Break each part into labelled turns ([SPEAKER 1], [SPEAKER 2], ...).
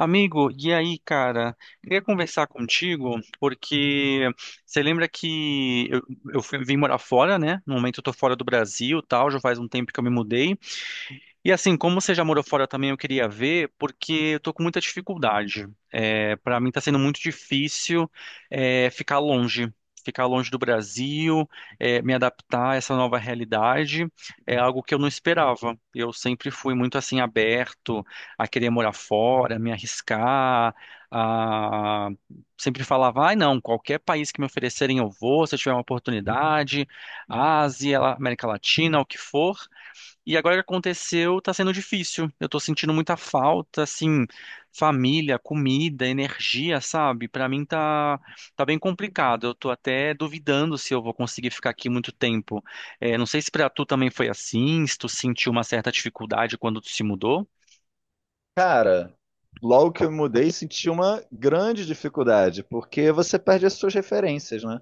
[SPEAKER 1] Amigo, e aí, cara? Queria conversar contigo porque você lembra que eu vim morar fora, né? No momento eu tô fora do Brasil, e tal, já faz um tempo que eu me mudei. E assim, como você já morou fora também, eu queria ver, porque eu tô com muita dificuldade. É, para mim tá sendo muito difícil é, ficar longe, ficar longe do Brasil, me adaptar a essa nova realidade. É algo que eu não esperava. Eu sempre fui muito assim aberto a querer morar fora, me arriscar, a... sempre falava, ai não, qualquer país que me oferecerem eu vou, se eu tiver uma oportunidade, Ásia, América Latina, o que for. E agora que aconteceu, tá sendo difícil. Eu tô sentindo muita falta, assim, família, comida, energia, sabe? Tá bem complicado. Eu tô até duvidando se eu vou conseguir ficar aqui muito tempo. É, não sei se pra tu também foi assim, se tu sentiu uma certa dificuldade quando tu se mudou.
[SPEAKER 2] Cara, logo que eu me mudei, senti uma grande dificuldade, porque você perde as suas referências, né?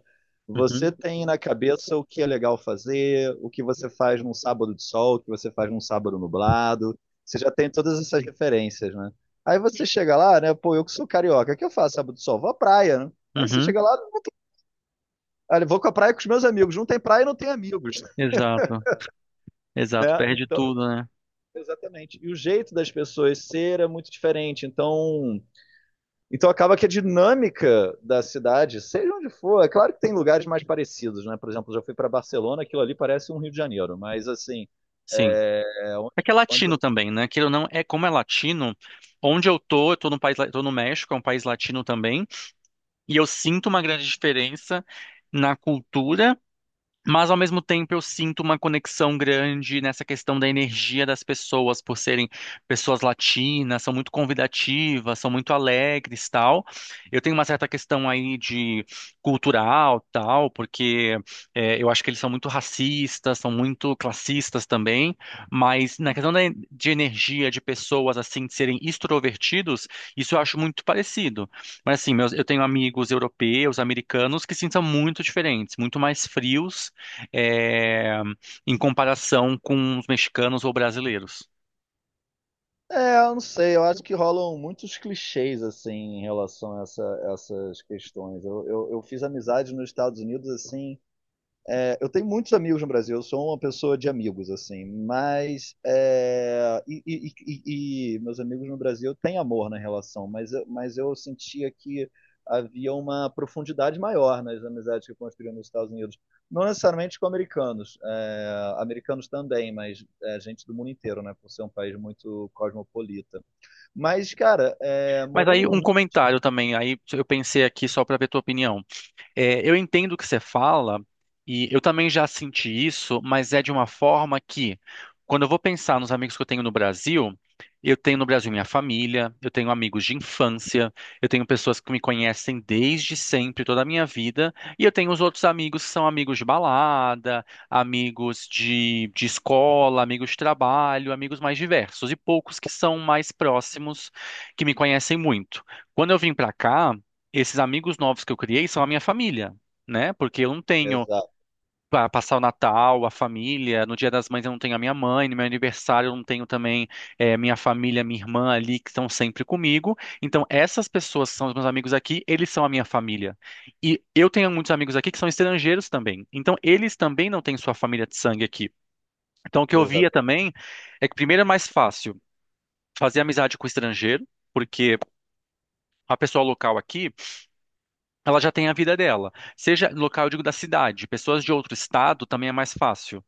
[SPEAKER 2] Você
[SPEAKER 1] Uhum,
[SPEAKER 2] tem na cabeça o que é legal fazer, o que você faz num sábado de sol, o que você faz num sábado nublado. Você já tem todas essas referências, né? Aí você chega lá, né? Pô, eu que sou carioca, o que eu faço sábado de sol? Vou à praia, né? Aí você
[SPEAKER 1] uhum,
[SPEAKER 2] chega lá, não tem... Olha, eu vou com a praia com os meus amigos. Não tem praia, não tem amigos, né?
[SPEAKER 1] exato, exato. Perde
[SPEAKER 2] Então,
[SPEAKER 1] tudo, né?
[SPEAKER 2] exatamente. E o jeito das pessoas ser é muito diferente. Então acaba que a dinâmica da cidade, seja onde for, é claro que tem lugares mais parecidos, né? Por exemplo, eu já fui para Barcelona, aquilo ali parece um Rio de Janeiro, mas assim,
[SPEAKER 1] Sim.
[SPEAKER 2] é, é onde,
[SPEAKER 1] É que é
[SPEAKER 2] onde eu,
[SPEAKER 1] latino também, né? Queira ou não, é como é latino. Onde eu tô no tô no México, é um país latino também. E eu sinto uma grande diferença na cultura. Mas ao mesmo tempo eu sinto uma conexão grande nessa questão da energia das pessoas por serem pessoas latinas, são muito convidativas, são muito alegres, tal. Eu tenho uma certa questão aí de cultural, tal, porque eu acho que eles são muito racistas, são muito classistas também, mas na questão de energia de pessoas assim de serem extrovertidos, isso eu acho muito parecido. Mas assim, meus, eu tenho amigos europeus, americanos que sim são muito diferentes, muito mais frios é, em comparação com os mexicanos ou brasileiros.
[SPEAKER 2] eu não sei, eu acho que rolam muitos clichês assim em relação a essas questões. Eu fiz amizade nos Estados Unidos assim eu tenho muitos amigos no Brasil, eu sou uma pessoa de amigos, assim, mas meus amigos no Brasil têm amor na relação, mas eu sentia que havia uma profundidade maior nas amizades que eu construía nos Estados Unidos. Não necessariamente com americanos, americanos também, mas gente do mundo inteiro, né, por ser um país muito cosmopolita. Mas, cara,
[SPEAKER 1] Mas
[SPEAKER 2] morando
[SPEAKER 1] aí um
[SPEAKER 2] no.
[SPEAKER 1] comentário também, aí eu pensei aqui só para ver tua opinião. É, eu entendo o que você fala e eu também já senti isso, mas é de uma forma que, quando eu vou pensar nos amigos que eu tenho no Brasil, eu tenho no Brasil minha família, eu tenho amigos de infância, eu tenho pessoas que me conhecem desde sempre, toda a minha vida, e eu tenho os outros amigos que são amigos de balada, amigos de escola, amigos de trabalho, amigos mais diversos, e poucos que são mais próximos, que me conhecem muito. Quando eu vim para cá, esses amigos novos que eu criei são a minha família, né? Porque eu não tenho
[SPEAKER 2] Exato.
[SPEAKER 1] para passar o Natal, a família, no Dia das Mães eu não tenho a minha mãe, no meu aniversário eu não tenho também minha família, minha irmã ali que estão sempre comigo. Então essas pessoas que são os meus amigos aqui, eles são a minha família. E eu tenho muitos amigos aqui que são estrangeiros também. Então eles também não têm sua família de sangue aqui. Então o que eu via também é que primeiro é mais fácil fazer amizade com estrangeiro, porque a pessoa local aqui ela já tem a vida dela. Seja local, eu digo, da cidade. Pessoas de outro estado também é mais fácil.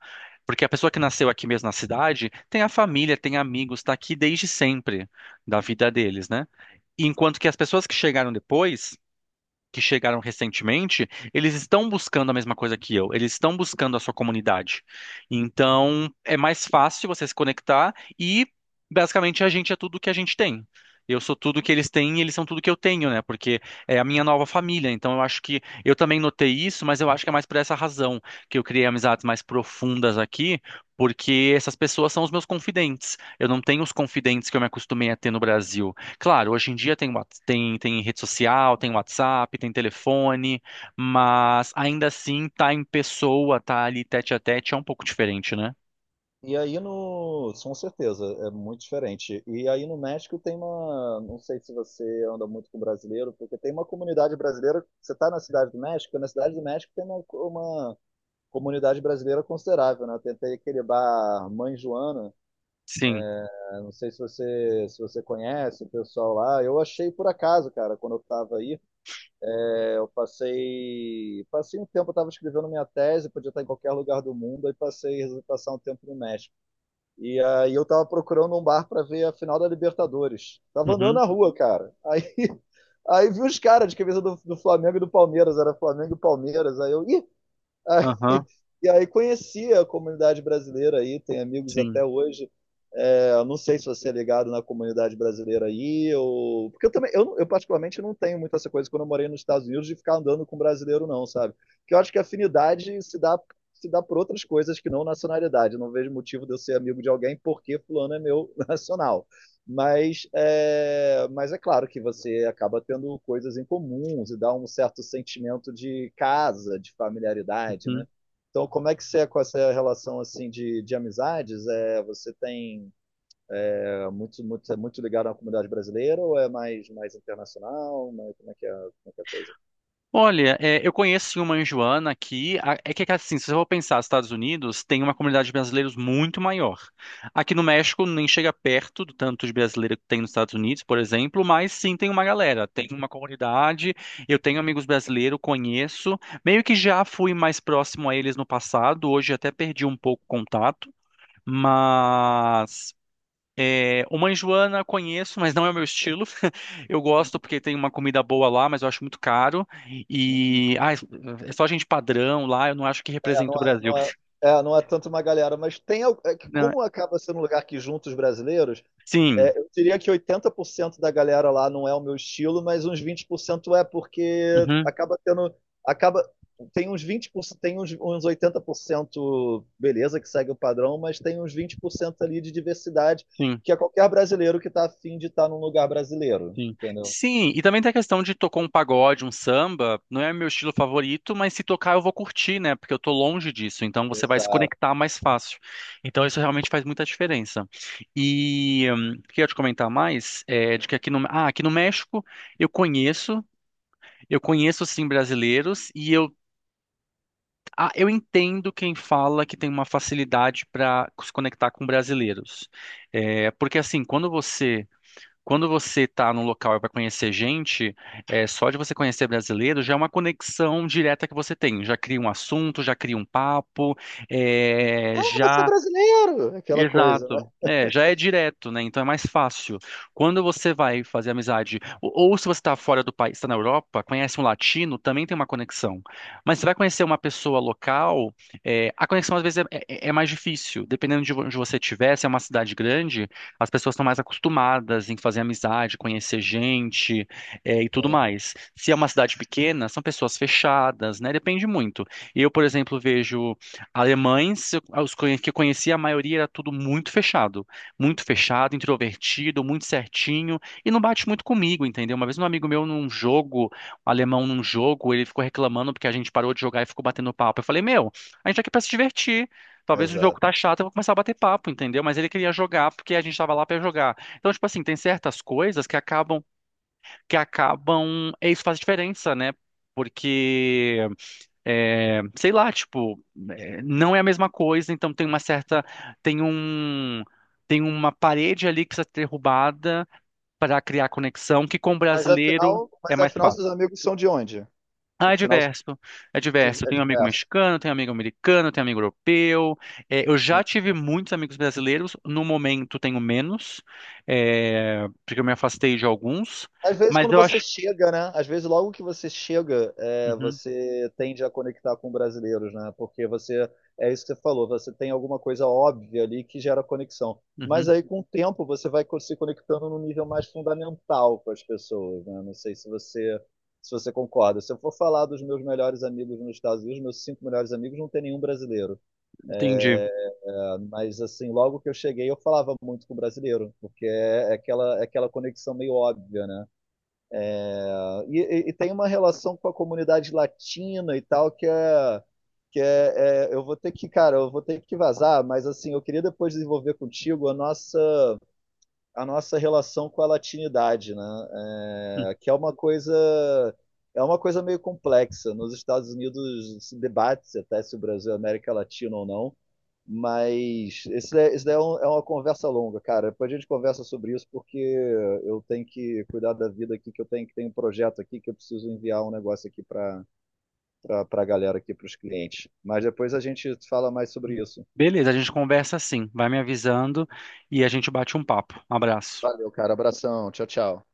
[SPEAKER 1] Porque a pessoa que nasceu aqui mesmo na cidade tem a família, tem amigos, está aqui desde sempre da vida deles, né? Enquanto que as pessoas que chegaram depois que chegaram recentemente, eles estão buscando a mesma coisa que eu, eles estão buscando a sua comunidade. Então, é mais fácil você se conectar e basicamente a gente é tudo que a gente tem. Eu sou tudo que eles têm e eles são tudo que eu tenho, né? Porque é a minha nova família. Então eu acho que eu também notei isso, mas eu acho que é mais por essa razão que eu criei amizades mais profundas aqui, porque essas pessoas são os meus confidentes. Eu não tenho os confidentes que eu me acostumei a ter no Brasil. Claro, hoje em dia tem rede social, tem WhatsApp, tem telefone, mas ainda assim tá em pessoa, tá ali tete a tete, é um pouco diferente, né?
[SPEAKER 2] E aí no, com certeza, é muito diferente. E aí no México tem uma, não sei se você anda muito com brasileiro, porque tem uma comunidade brasileira, você está na Cidade do México, na Cidade do México tem uma comunidade brasileira considerável, né? Tentei aquele bar Mãe Joana,
[SPEAKER 1] Sim.
[SPEAKER 2] né? Não sei se você conhece o pessoal lá, eu achei por acaso, cara, quando eu estava aí, eu passei, passei um tempo, eu estava escrevendo minha tese, podia estar em qualquer lugar do mundo, aí passei, resolvi passar um tempo no México. E aí eu tava procurando um bar para ver a final da Libertadores. Tava andando
[SPEAKER 1] Uhum.
[SPEAKER 2] na rua, cara. Aí, aí vi os caras de camisa do Flamengo e do Palmeiras, era Flamengo e Palmeiras. Aí eu, ih! Aí,
[SPEAKER 1] Aham.
[SPEAKER 2] e aí conheci a comunidade brasileira aí, tem amigos
[SPEAKER 1] Sim.
[SPEAKER 2] até hoje. É, não sei se você é ligado na comunidade brasileira aí, ou... porque eu também, eu particularmente não tenho muita essa coisa quando eu morei nos Estados Unidos de ficar andando com brasileiro, não, sabe? Que eu acho que a afinidade se dá, se dá por outras coisas que não nacionalidade. Eu não vejo motivo de eu ser amigo de alguém porque fulano é meu nacional. Mas é claro que você acaba tendo coisas em comuns e dá um certo sentimento de casa, de familiaridade, né?
[SPEAKER 1] Uhum.
[SPEAKER 2] Então, como é que você é com essa relação assim de amizades? É, você tem é muito ligado à comunidade brasileira ou é mais, mais internacional? Mas como é que é a coisa?
[SPEAKER 1] Olha, é, eu conheço sim, uma em Joana aqui. É que assim, se você for pensar, nos Estados Unidos tem uma comunidade de brasileiros muito maior. Aqui no México nem chega perto do tanto de brasileiro que tem nos Estados Unidos, por exemplo, mas sim tem uma galera, tem uma comunidade. Eu tenho amigos brasileiros, conheço. Meio que já fui mais próximo a eles no passado, hoje até perdi um pouco o contato. Mas é, uma Enjoana conheço, mas não é o meu estilo. Eu gosto
[SPEAKER 2] Uhum,
[SPEAKER 1] porque tem uma comida boa lá, mas eu acho muito caro.
[SPEAKER 2] uhum.
[SPEAKER 1] E ah, é só gente padrão lá, eu não acho que
[SPEAKER 2] É, não
[SPEAKER 1] representa o
[SPEAKER 2] é,
[SPEAKER 1] Brasil.
[SPEAKER 2] não é, não é tanto uma galera, mas tem. É que
[SPEAKER 1] Não,
[SPEAKER 2] como acaba sendo um lugar que junta os brasileiros,
[SPEAKER 1] sim,
[SPEAKER 2] é, eu diria que 80% da galera lá não é o meu estilo, mas uns 20% é porque
[SPEAKER 1] uhum,
[SPEAKER 2] acaba tem uns 20%, uns 80% beleza que segue o padrão, mas tem uns 20% ali de diversidade
[SPEAKER 1] sim,
[SPEAKER 2] que é qualquer brasileiro que tá afim de estar num lugar brasileiro,
[SPEAKER 1] sim.
[SPEAKER 2] entendeu?
[SPEAKER 1] Sim, e também tem a questão de tocar um pagode, um samba. Não é meu estilo favorito, mas se tocar eu vou curtir, né? Porque eu tô longe disso, então você vai se conectar mais fácil. Então isso realmente faz muita diferença. E queria te comentar mais é, de que aqui no, ah, aqui no México eu conheço. Eu conheço sim brasileiros e eu, ah, eu entendo quem fala que tem uma facilidade para se conectar com brasileiros. É, porque assim, quando você está num local e vai conhecer gente, é, só de você conhecer brasileiro já é uma conexão direta que você tem. Já cria um assunto, já cria um papo, é,
[SPEAKER 2] Ah, você é
[SPEAKER 1] já
[SPEAKER 2] brasileiro, aquela coisa, né?
[SPEAKER 1] exato. É, já é direto, né? Então é mais fácil. Quando você vai fazer amizade, ou se você está fora do país, está na Europa, conhece um latino, também tem uma conexão. Mas você vai conhecer uma pessoa local, é, a conexão às vezes é mais difícil. Dependendo de onde você estiver, se é uma cidade grande, as pessoas estão mais acostumadas em fazer amizade, conhecer gente, é, e tudo
[SPEAKER 2] Sim,
[SPEAKER 1] mais. Se é uma cidade pequena, são pessoas fechadas, né? Depende muito. Eu, por exemplo, vejo. Alemães, os que eu conhecia, a maioria era tudo muito fechado. Muito fechado, introvertido, muito certinho. E não bate muito comigo, entendeu? Uma vez um amigo meu num jogo, um alemão num jogo, ele ficou reclamando porque a gente parou de jogar e ficou batendo papo. Eu falei, meu, a gente tá aqui pra se divertir. Talvez o jogo
[SPEAKER 2] exato.
[SPEAKER 1] tá chato, eu vou começar a bater papo, entendeu? Mas ele queria jogar porque a gente tava lá pra jogar. Então, tipo assim, tem certas coisas que acabam, é isso faz diferença, né? Porque é, sei lá, tipo, é, não é a mesma coisa, então tem uma certa, tem um, tem uma parede ali que precisa ser derrubada para criar conexão, que com o brasileiro é
[SPEAKER 2] Mas
[SPEAKER 1] mais
[SPEAKER 2] afinal
[SPEAKER 1] fácil.
[SPEAKER 2] seus amigos são de onde?
[SPEAKER 1] Ah, é
[SPEAKER 2] Afinal são
[SPEAKER 1] diverso, é diverso. Eu
[SPEAKER 2] é
[SPEAKER 1] tenho um amigo
[SPEAKER 2] diverso.
[SPEAKER 1] mexicano, tenho um amigo americano, tenho um amigo europeu. É, eu já tive muitos amigos brasileiros, no momento tenho menos, é, porque eu me afastei de alguns,
[SPEAKER 2] Às vezes,
[SPEAKER 1] mas
[SPEAKER 2] quando
[SPEAKER 1] eu
[SPEAKER 2] você
[SPEAKER 1] acho.
[SPEAKER 2] chega, né? Às vezes, logo que você chega, é,
[SPEAKER 1] Uhum,
[SPEAKER 2] você tende a conectar com brasileiros, né? Porque você, é isso que você falou, você tem alguma coisa óbvia ali que gera conexão. Mas
[SPEAKER 1] uhum,
[SPEAKER 2] aí, com o tempo, você vai se conectando num nível mais fundamental com as pessoas, né? Não sei se você concorda. Se eu for falar dos meus melhores amigos nos Estados Unidos, meus cinco melhores amigos, não tem nenhum brasileiro.
[SPEAKER 1] entendi.
[SPEAKER 2] É, mas, assim, logo que eu cheguei, eu falava muito com brasileiro, porque é aquela conexão meio óbvia, né? Ah, e tem uma relação com a comunidade latina e tal, que é. Eu vou ter que, cara, eu vou ter que vazar, mas assim, eu queria depois desenvolver contigo a nossa relação com a latinidade, né? É, que é uma coisa meio complexa. Nos Estados Unidos se debate-se até se o Brasil é América Latina ou não. Mas isso daí é, é uma conversa longa, cara. Depois a gente conversa sobre isso, porque eu tenho que cuidar da vida aqui, que eu tenho que tem um projeto aqui que eu preciso enviar um negócio aqui para a galera aqui, para os clientes. Mas depois a gente fala mais sobre isso.
[SPEAKER 1] Beleza, a gente conversa assim, vai me avisando e a gente bate um papo. Um abraço.
[SPEAKER 2] Valeu, cara. Abração. Tchau, tchau.